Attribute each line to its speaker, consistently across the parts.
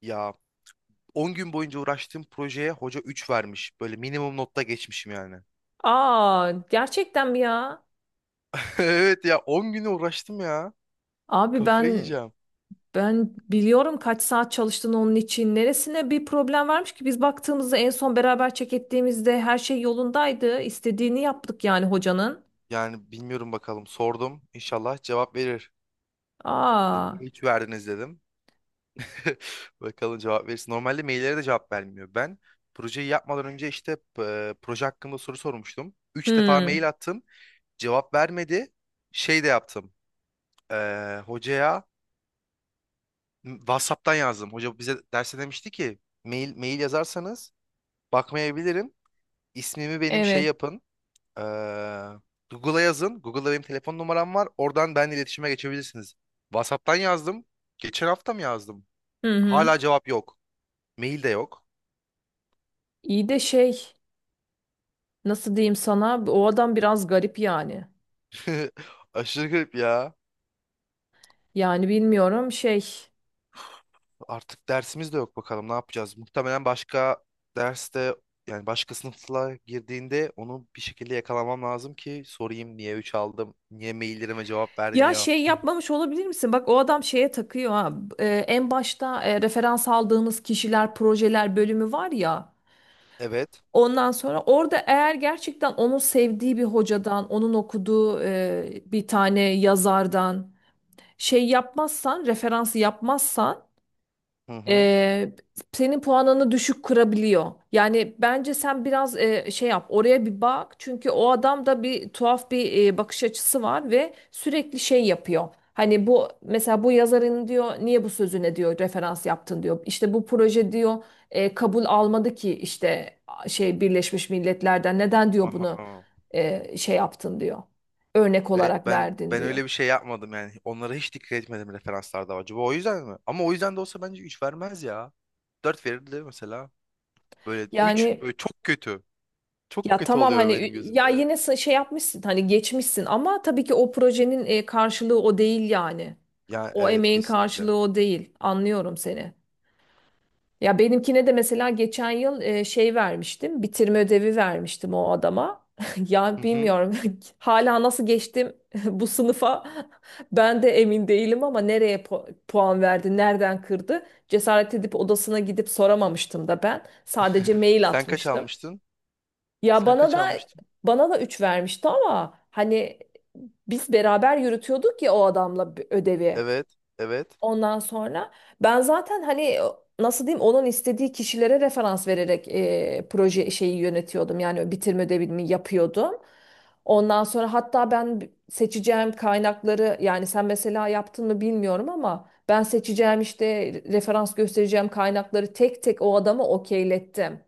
Speaker 1: Ya 10 gün boyunca uğraştığım projeye hoca 3 vermiş. Böyle minimum notta geçmişim yani.
Speaker 2: Aa, gerçekten mi ya?
Speaker 1: Evet ya 10 güne uğraştım ya.
Speaker 2: Abi
Speaker 1: Kafayı
Speaker 2: ben
Speaker 1: yiyeceğim.
Speaker 2: ben biliyorum kaç saat çalıştın onun için. Neresine bir problem varmış ki biz baktığımızda en son beraber çek ettiğimizde her şey yolundaydı. İstediğini yaptık yani hocanın.
Speaker 1: Yani bilmiyorum bakalım sordum. İnşallah cevap verir. Dedim,
Speaker 2: Aa,
Speaker 1: niye 3 verdiniz dedim. Bakalım cevap verirsin. Normalde maillere de cevap vermiyor. Ben projeyi yapmadan önce işte proje hakkında soru sormuştum. Üç defa
Speaker 2: hmm,
Speaker 1: mail attım. Cevap vermedi. Şey de yaptım. E, hocaya WhatsApp'tan yazdım. Hoca bize derse demişti ki mail mail yazarsanız bakmayabilirim. İsmimi benim şey
Speaker 2: evet.
Speaker 1: yapın. Ee, Google'a yazın. Google'da benim telefon numaram var. Oradan benimle iletişime geçebilirsiniz. WhatsApp'tan yazdım. Geçen hafta mı yazdım?
Speaker 2: Hı hı.
Speaker 1: Hala cevap yok. Mail de yok.
Speaker 2: İyi de şey nasıl diyeyim sana o adam biraz garip yani.
Speaker 1: Aşırı garip ya.
Speaker 2: Yani bilmiyorum şey.
Speaker 1: Artık dersimiz de yok bakalım ne yapacağız. Muhtemelen başka derste yani başka sınıfla girdiğinde onu bir şekilde yakalamam lazım ki sorayım niye 3 aldım, niye maillerime cevap
Speaker 2: Ya
Speaker 1: vermiyor.
Speaker 2: şey yapmamış olabilir misin? Bak o adam şeye takıyor ha. En başta referans aldığımız kişiler, projeler bölümü var ya.
Speaker 1: Evet.
Speaker 2: Ondan sonra orada eğer gerçekten onun sevdiği bir hocadan, onun okuduğu bir tane yazardan şey yapmazsan, referans yapmazsan
Speaker 1: Hı hı.
Speaker 2: e, senin puanını düşük kırabiliyor. Yani bence sen biraz şey yap, oraya bir bak. Çünkü o adam da bir tuhaf bir bakış açısı var ve sürekli şey yapıyor. Hani bu mesela bu yazarın diyor niye bu sözüne diyor referans yaptın diyor. İşte bu proje diyor kabul almadı ki işte şey Birleşmiş Milletler'den neden diyor bunu
Speaker 1: Aha.
Speaker 2: şey yaptın diyor. Örnek
Speaker 1: Evet
Speaker 2: olarak
Speaker 1: ben
Speaker 2: verdin
Speaker 1: ben
Speaker 2: diyor.
Speaker 1: öyle bir şey yapmadım yani. Onlara hiç dikkat etmedim referanslarda acaba. O yüzden mi? Ama o yüzden de olsa bence 3 vermez ya. Dört verirdi mesela. Böyle 3
Speaker 2: Yani
Speaker 1: böyle çok kötü. Çok
Speaker 2: ya
Speaker 1: kötü
Speaker 2: tamam
Speaker 1: oluyor
Speaker 2: hani
Speaker 1: benim gözümde.
Speaker 2: ya
Speaker 1: Evet.
Speaker 2: yine şey yapmışsın hani geçmişsin ama tabii ki o projenin karşılığı o değil yani.
Speaker 1: Ya
Speaker 2: O
Speaker 1: evet
Speaker 2: emeğin
Speaker 1: kesinlikle.
Speaker 2: karşılığı o değil. Anlıyorum seni. Ya benimkine de mesela geçen yıl şey vermiştim. Bitirme ödevi vermiştim o adama. Ya
Speaker 1: Hı hı.
Speaker 2: bilmiyorum hala nasıl geçtim bu sınıfa ben de emin değilim ama nereye puan verdi, nereden kırdı? Cesaret edip odasına gidip soramamıştım da ben. Sadece mail
Speaker 1: Sen kaç
Speaker 2: atmıştım.
Speaker 1: almıştın?
Speaker 2: Ya
Speaker 1: Sen
Speaker 2: bana
Speaker 1: kaç
Speaker 2: da
Speaker 1: almıştın?
Speaker 2: bana da 3 vermişti ama hani biz beraber yürütüyorduk ya o adamla bir ödevi.
Speaker 1: Evet. Evet.
Speaker 2: Ondan sonra ben zaten hani nasıl diyeyim onun istediği kişilere referans vererek proje şeyi yönetiyordum. Yani bitirme ödevini yapıyordum. Ondan sonra hatta ben seçeceğim kaynakları yani sen mesela yaptın mı bilmiyorum ama ben seçeceğim işte referans göstereceğim kaynakları tek tek o adama okeylettim.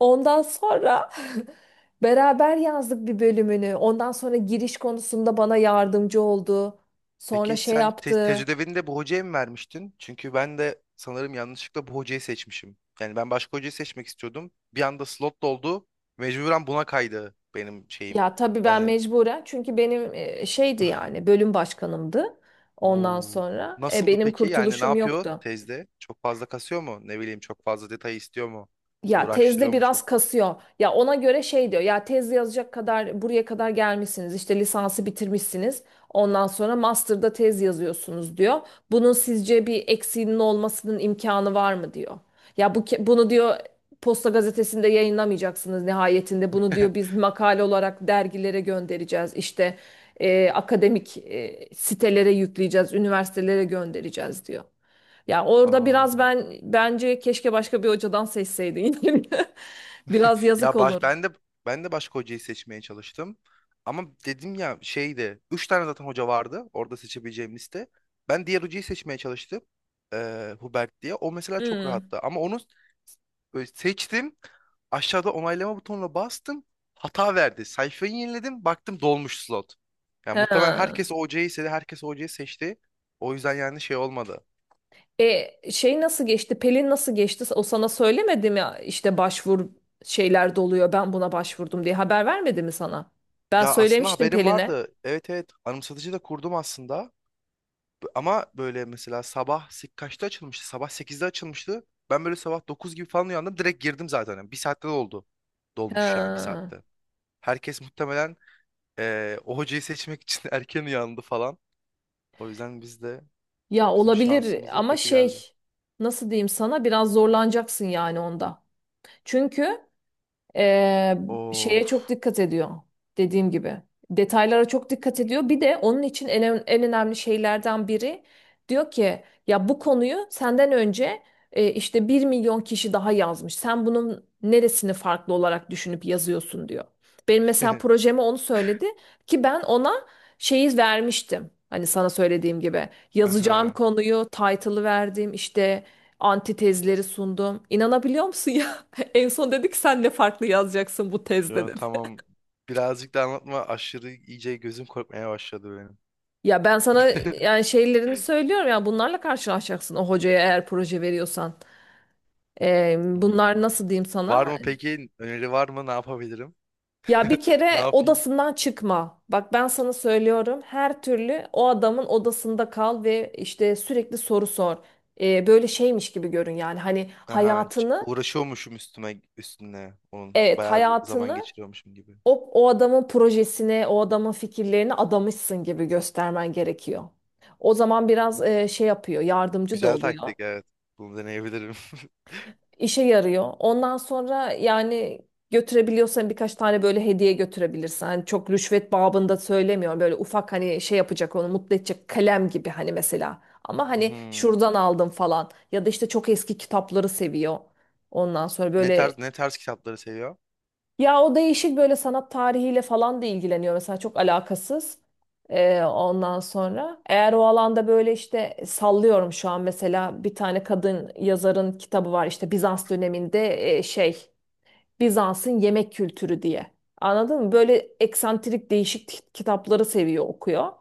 Speaker 2: Ondan sonra beraber yazdık bir bölümünü. Ondan sonra giriş konusunda bana yardımcı oldu. Sonra
Speaker 1: Peki
Speaker 2: şey
Speaker 1: sen
Speaker 2: yaptı.
Speaker 1: tecrübeni de bu hocaya mı vermiştin? Çünkü ben de sanırım yanlışlıkla bu hocayı seçmişim. Yani ben başka hocayı seçmek istiyordum. Bir anda slot doldu. Mecburen buna kaydı benim şeyim.
Speaker 2: Ya tabii ben
Speaker 1: Yani
Speaker 2: mecburen çünkü benim şeydi yani bölüm başkanımdı. Ondan
Speaker 1: Oo.
Speaker 2: sonra
Speaker 1: Nasıldı
Speaker 2: benim
Speaker 1: peki? Yani ne
Speaker 2: kurtuluşum
Speaker 1: yapıyor
Speaker 2: yoktu.
Speaker 1: tezde? Çok fazla kasıyor mu? Ne bileyim çok fazla detay istiyor mu?
Speaker 2: Ya tezde
Speaker 1: Uğraştırıyor mu çok?
Speaker 2: biraz kasıyor. Ya ona göre şey diyor. Ya tez yazacak kadar buraya kadar gelmişsiniz. İşte lisansı bitirmişsiniz. Ondan sonra master'da tez yazıyorsunuz diyor. Bunun sizce bir eksiğinin olmasının imkanı var mı diyor. Ya bu bunu diyor Posta gazetesinde yayınlamayacaksınız nihayetinde. Bunu diyor biz makale olarak dergilere göndereceğiz. İşte akademik sitelere yükleyeceğiz, üniversitelere göndereceğiz diyor. Ya orada biraz
Speaker 1: Aa.
Speaker 2: ben bence keşke başka bir hocadan seçseydin. Biraz yazık
Speaker 1: Ya
Speaker 2: olur.
Speaker 1: baş, ben de başka hocayı seçmeye çalıştım. Ama dedim ya şeydi. Üç tane zaten hoca vardı orada seçebileceğim liste. Ben diğer hocayı seçmeye çalıştım. Hubert diye. O mesela çok
Speaker 2: Hmm.
Speaker 1: rahattı. Ama onu böyle seçtim. Aşağıda onaylama butonuna bastım. Hata verdi. Sayfayı yeniledim. Baktım dolmuş slot. Yani muhtemelen
Speaker 2: Ha.
Speaker 1: herkes o hocayı istedi. Herkes o hocayı seçti. O yüzden yani şey olmadı.
Speaker 2: Şey nasıl geçti? Pelin nasıl geçti? O sana söylemedi mi? İşte başvur şeyler doluyor. Ben buna başvurdum diye haber vermedi mi sana? Ben
Speaker 1: Ya aslında
Speaker 2: söylemiştim
Speaker 1: haberim
Speaker 2: Pelin'e.
Speaker 1: vardı. Evet evet anımsatıcı da kurdum aslında. Ama böyle mesela sabah kaçta açılmıştı? Sabah sekizde açılmıştı. Ben böyle sabah 9 gibi falan uyandım. Direkt girdim zaten. Yani bir saatte de oldu. Dolmuş yani bir
Speaker 2: Ha.
Speaker 1: saatte. Herkes muhtemelen o hocayı seçmek için erken uyandı falan. O yüzden biz de
Speaker 2: Ya
Speaker 1: bizim
Speaker 2: olabilir
Speaker 1: şansımıza
Speaker 2: ama
Speaker 1: kötü geldi.
Speaker 2: şey nasıl diyeyim sana biraz zorlanacaksın yani onda. Çünkü Ee, şeye çok
Speaker 1: Of.
Speaker 2: dikkat ediyor dediğim gibi. Detaylara çok dikkat ediyor. Bir de onun için en önemli şeylerden biri diyor ki ya bu konuyu senden önce işte 1 milyon kişi daha yazmış. Sen bunun neresini farklı olarak düşünüp yazıyorsun diyor. Benim mesela projeme onu söyledi ki ben ona şeyi vermiştim. Hani sana söylediğim gibi yazacağım
Speaker 1: Aha.
Speaker 2: konuyu, title'ı verdim, işte antitezleri sundum. İnanabiliyor musun? En son dedik sen ne farklı yazacaksın bu tezde
Speaker 1: Ya,
Speaker 2: dedi.
Speaker 1: tamam. Birazcık da anlatma. Aşırı iyice gözüm korkmaya başladı benim.
Speaker 2: Ya ben sana yani şeylerini söylüyorum ya bunlarla karşılaşacaksın o hocaya eğer proje veriyorsan. Bunlar
Speaker 1: Hmm.
Speaker 2: nasıl diyeyim
Speaker 1: Var
Speaker 2: sana?
Speaker 1: mı peki? Öneri var mı? Ne yapabilirim?
Speaker 2: Ya bir
Speaker 1: Ne
Speaker 2: kere
Speaker 1: yapayım?
Speaker 2: odasından çıkma. Bak ben sana söylüyorum her türlü o adamın odasında kal ve işte sürekli soru sor. Böyle şeymiş gibi görün yani hani
Speaker 1: Aha,
Speaker 2: hayatını
Speaker 1: uğraşıyormuşum üstüme üstüne. Onun
Speaker 2: evet
Speaker 1: bayağı bir zaman
Speaker 2: hayatını
Speaker 1: geçiriyormuşum gibi.
Speaker 2: o adamın projesine, o adamın fikirlerine adamışsın gibi göstermen gerekiyor. O zaman biraz şey yapıyor, yardımcı da
Speaker 1: Güzel
Speaker 2: oluyor.
Speaker 1: taktik evet. Bunu deneyebilirim.
Speaker 2: İşe yarıyor. Ondan sonra yani götürebiliyorsan birkaç tane böyle hediye götürebilirsin. Hani çok rüşvet babında söylemiyorum. Böyle ufak hani şey yapacak onu mutlu edecek kalem gibi hani mesela. Ama hani
Speaker 1: Mhm.
Speaker 2: şuradan aldım falan. Ya da işte çok eski kitapları seviyor. Ondan sonra böyle
Speaker 1: Ne tarz kitapları seviyor?
Speaker 2: ya o değişik böyle sanat tarihiyle falan da ilgileniyor mesela çok alakasız. Ondan sonra eğer o alanda böyle işte sallıyorum şu an mesela bir tane kadın yazarın kitabı var işte Bizans döneminde şey Bizans'ın yemek kültürü diye. Anladın mı? Böyle eksantrik değişik kitapları seviyor okuyor.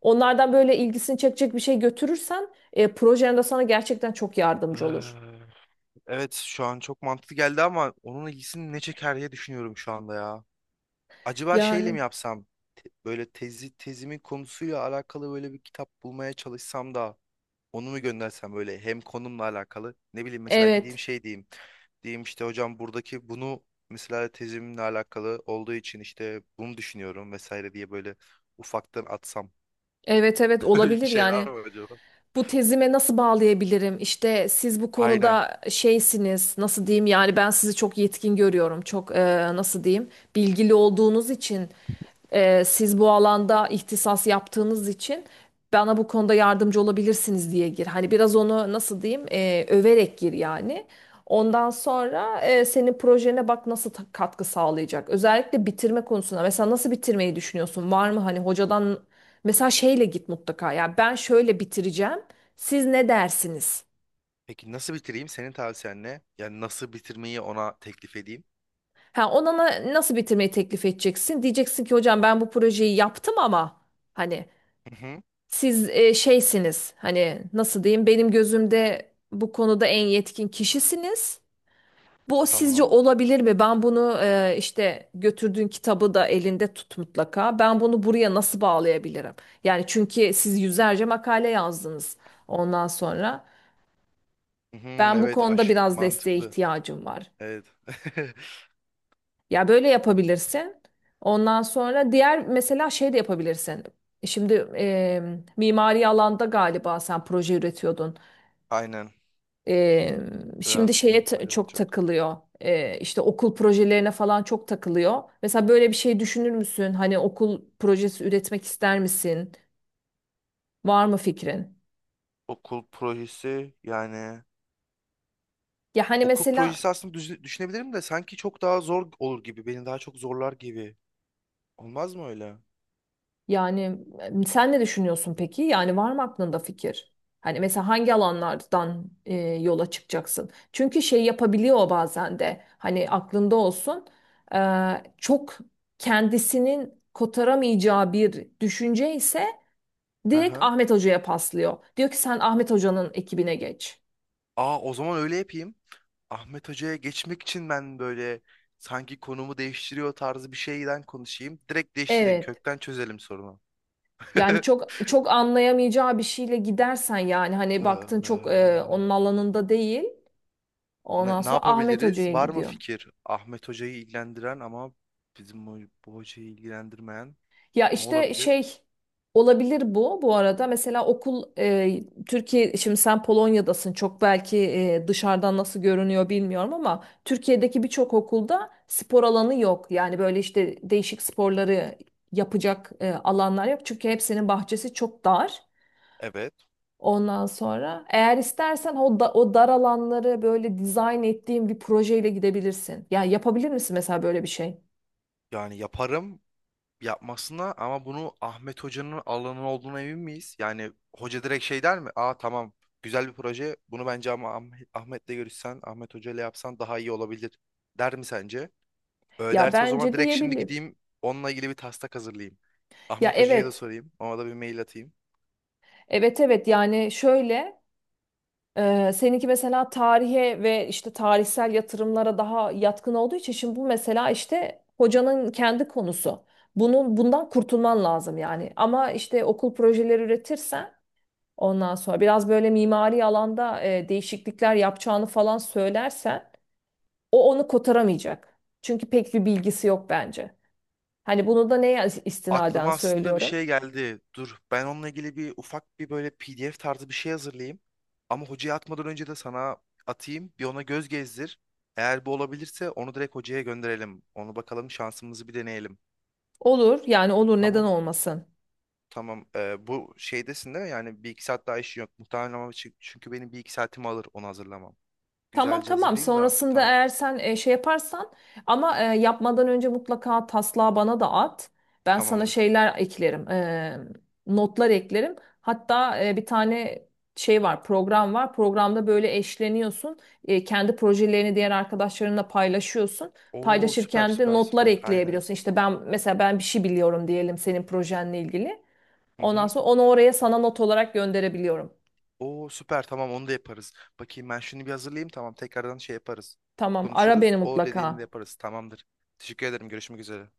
Speaker 2: Onlardan böyle ilgisini çekecek bir şey götürürsen projende sana gerçekten çok yardımcı olur.
Speaker 1: Eee, Evet şu an çok mantıklı geldi ama onun ilgisini ne çeker diye düşünüyorum şu anda ya. Acaba şeyle
Speaker 2: Yani
Speaker 1: mi yapsam? Böyle tezimin konusuyla alakalı böyle bir kitap bulmaya çalışsam da onu mu göndersem böyle hem konumla alakalı ne bileyim mesela gideyim
Speaker 2: evet.
Speaker 1: şey diyeyim. Diyeyim işte hocam buradaki bunu mesela tezimle alakalı olduğu için işte bunu düşünüyorum vesaire diye böyle ufaktan atsam.
Speaker 2: Evet evet
Speaker 1: Bir
Speaker 2: olabilir
Speaker 1: şeyler
Speaker 2: yani.
Speaker 1: mi acaba?
Speaker 2: Bu tezime nasıl bağlayabilirim? İşte siz bu
Speaker 1: Aynen.
Speaker 2: konuda şeysiniz, nasıl diyeyim? Yani ben sizi çok yetkin görüyorum, çok nasıl diyeyim? Bilgili olduğunuz için, siz bu alanda ihtisas yaptığınız için bana bu konuda yardımcı olabilirsiniz diye gir. Hani biraz onu nasıl diyeyim? Överek gir yani. Ondan sonra senin projene bak nasıl katkı sağlayacak. Özellikle bitirme konusunda. Mesela nasıl bitirmeyi düşünüyorsun? Var mı hani hocadan mesela şeyle git mutlaka. Ya ben şöyle bitireceğim. Siz ne dersiniz?
Speaker 1: Peki nasıl bitireyim? Senin tavsiyen ne? Yani nasıl bitirmeyi ona teklif edeyim?
Speaker 2: Ha, ona nasıl bitirmeyi teklif edeceksin? Diyeceksin ki hocam ben bu projeyi yaptım ama hani
Speaker 1: Hı hı,
Speaker 2: siz şeysiniz. Hani nasıl diyeyim? Benim gözümde bu konuda en yetkin kişisiniz. Bu sizce
Speaker 1: tamam.
Speaker 2: olabilir mi? Ben bunu işte götürdüğün kitabı da elinde tut mutlaka. Ben bunu buraya nasıl bağlayabilirim? Yani çünkü siz yüzlerce makale yazdınız ondan sonra.
Speaker 1: Hı hı,
Speaker 2: Ben bu
Speaker 1: evet
Speaker 2: konuda
Speaker 1: aş
Speaker 2: biraz desteğe
Speaker 1: mantıklı.
Speaker 2: ihtiyacım var.
Speaker 1: Evet.
Speaker 2: Ya böyle yapabilirsin. Ondan sonra diğer mesela şey de yapabilirsin. Şimdi mimari alanda galiba sen proje üretiyordun.
Speaker 1: Aynen.
Speaker 2: E, şimdi
Speaker 1: Birazcık
Speaker 2: şeye
Speaker 1: mimari
Speaker 2: çok
Speaker 1: olacak.
Speaker 2: takılıyor. İşte okul projelerine falan çok takılıyor. Mesela böyle bir şey düşünür müsün? Hani okul projesi üretmek ister misin? Var mı fikrin?
Speaker 1: Okul projesi yani
Speaker 2: Ya hani
Speaker 1: okul
Speaker 2: mesela
Speaker 1: projesi aslında düşünebilirim de sanki çok daha zor olur gibi. Beni daha çok zorlar gibi. Olmaz mı öyle?
Speaker 2: yani sen ne düşünüyorsun peki? Yani var mı aklında fikir? Hani mesela hangi alanlardan yola çıkacaksın? Çünkü şey yapabiliyor o bazen de. Hani aklında olsun. e, Çok kendisinin kotaramayacağı bir düşünce ise
Speaker 1: Hı
Speaker 2: direkt
Speaker 1: hı.
Speaker 2: Ahmet Hoca'ya paslıyor. Diyor ki sen Ahmet Hoca'nın ekibine geç.
Speaker 1: Aa o zaman öyle yapayım. Ahmet Hoca'ya geçmek için ben böyle sanki konumu değiştiriyor tarzı bir şeyden konuşayım. Direkt değiştireyim.
Speaker 2: Evet.
Speaker 1: Kökten çözelim sorunu.
Speaker 2: Yani çok çok anlayamayacağı bir şeyle gidersen yani hani baktın çok
Speaker 1: Ee,
Speaker 2: onun alanında değil. Ondan
Speaker 1: ne
Speaker 2: sonra Ahmet
Speaker 1: yapabiliriz?
Speaker 2: Hoca'ya
Speaker 1: Var mı
Speaker 2: gidiyor.
Speaker 1: fikir? Ahmet Hoca'yı ilgilendiren ama bizim bu, bu hocayı ilgilendirmeyen
Speaker 2: Ya
Speaker 1: ne
Speaker 2: işte
Speaker 1: olabilir?
Speaker 2: şey olabilir bu arada. Mesela okul Türkiye şimdi sen Polonya'dasın çok belki dışarıdan nasıl görünüyor bilmiyorum ama Türkiye'deki birçok okulda spor alanı yok. Yani böyle işte değişik sporları yapacak alanlar yok. Çünkü hepsinin bahçesi çok dar.
Speaker 1: Evet.
Speaker 2: Ondan sonra eğer istersen o dar alanları böyle dizayn ettiğin bir projeyle gidebilirsin. Ya yapabilir misin mesela böyle bir şey?
Speaker 1: Yani yaparım yapmasına ama bunu Ahmet Hoca'nın alanı olduğuna emin miyiz? Yani hoca direkt şey der mi? Aa tamam güzel bir proje bunu bence ama Ahmet'le görüşsen Ahmet Hoca ile yapsan daha iyi olabilir der mi sence? Öyle
Speaker 2: Ya
Speaker 1: derse o zaman
Speaker 2: bence
Speaker 1: direkt şimdi
Speaker 2: diyebilir.
Speaker 1: gideyim onunla ilgili bir taslak hazırlayayım.
Speaker 2: Ya
Speaker 1: Ahmet Hoca'ya da
Speaker 2: evet.
Speaker 1: sorayım ona da bir mail atayım.
Speaker 2: Evet evet yani şöyle seninki mesela tarihe ve işte tarihsel yatırımlara daha yatkın olduğu için şimdi bu mesela işte hocanın kendi konusu. Bunun bundan kurtulman lazım yani. Ama işte okul projeleri üretirsen ondan sonra biraz böyle mimari alanda değişiklikler yapacağını falan söylersen o onu kotaramayacak. Çünkü pek bir bilgisi yok bence. Hani bunu da neye istinaden
Speaker 1: Aklıma aslında bir
Speaker 2: söylüyorum?
Speaker 1: şey geldi. Dur, ben onunla ilgili bir ufak böyle PDF tarzı bir şey hazırlayayım. Ama hocaya atmadan önce de sana atayım. Bir ona göz gezdir. Eğer bu olabilirse onu direkt hocaya gönderelim. Onu bakalım şansımızı bir deneyelim.
Speaker 2: Olur yani olur neden
Speaker 1: Tamam.
Speaker 2: olmasın?
Speaker 1: Tamam. Bu şeydesin değil mi? Yani bir iki saat daha işin yok. Muhtemelen ama çünkü benim bir iki saatimi alır onu hazırlamam.
Speaker 2: Tamam
Speaker 1: Güzelce
Speaker 2: tamam.
Speaker 1: hazırlayayım da.
Speaker 2: Sonrasında
Speaker 1: Tamam.
Speaker 2: eğer sen şey yaparsan ama yapmadan önce mutlaka taslağı bana da at. Ben sana
Speaker 1: Tamamdır.
Speaker 2: şeyler eklerim. Notlar eklerim. Hatta bir tane şey var, program var. Programda böyle eşleniyorsun. Kendi projelerini diğer arkadaşlarınla paylaşıyorsun.
Speaker 1: Oo süper
Speaker 2: Paylaşırken de
Speaker 1: süper
Speaker 2: notlar
Speaker 1: süper. Aynen.
Speaker 2: ekleyebiliyorsun. İşte ben mesela ben bir şey biliyorum diyelim senin projenle ilgili.
Speaker 1: Hı
Speaker 2: Ondan
Speaker 1: hı.
Speaker 2: sonra onu oraya sana not olarak gönderebiliyorum.
Speaker 1: Oo süper tamam onu da yaparız. Bakayım ben şunu bir hazırlayayım tamam tekrardan şey yaparız.
Speaker 2: Tamam, ara
Speaker 1: Konuşuruz.
Speaker 2: beni
Speaker 1: O
Speaker 2: mutlaka.
Speaker 1: dediğini de yaparız. Tamamdır. Teşekkür ederim. Görüşmek üzere.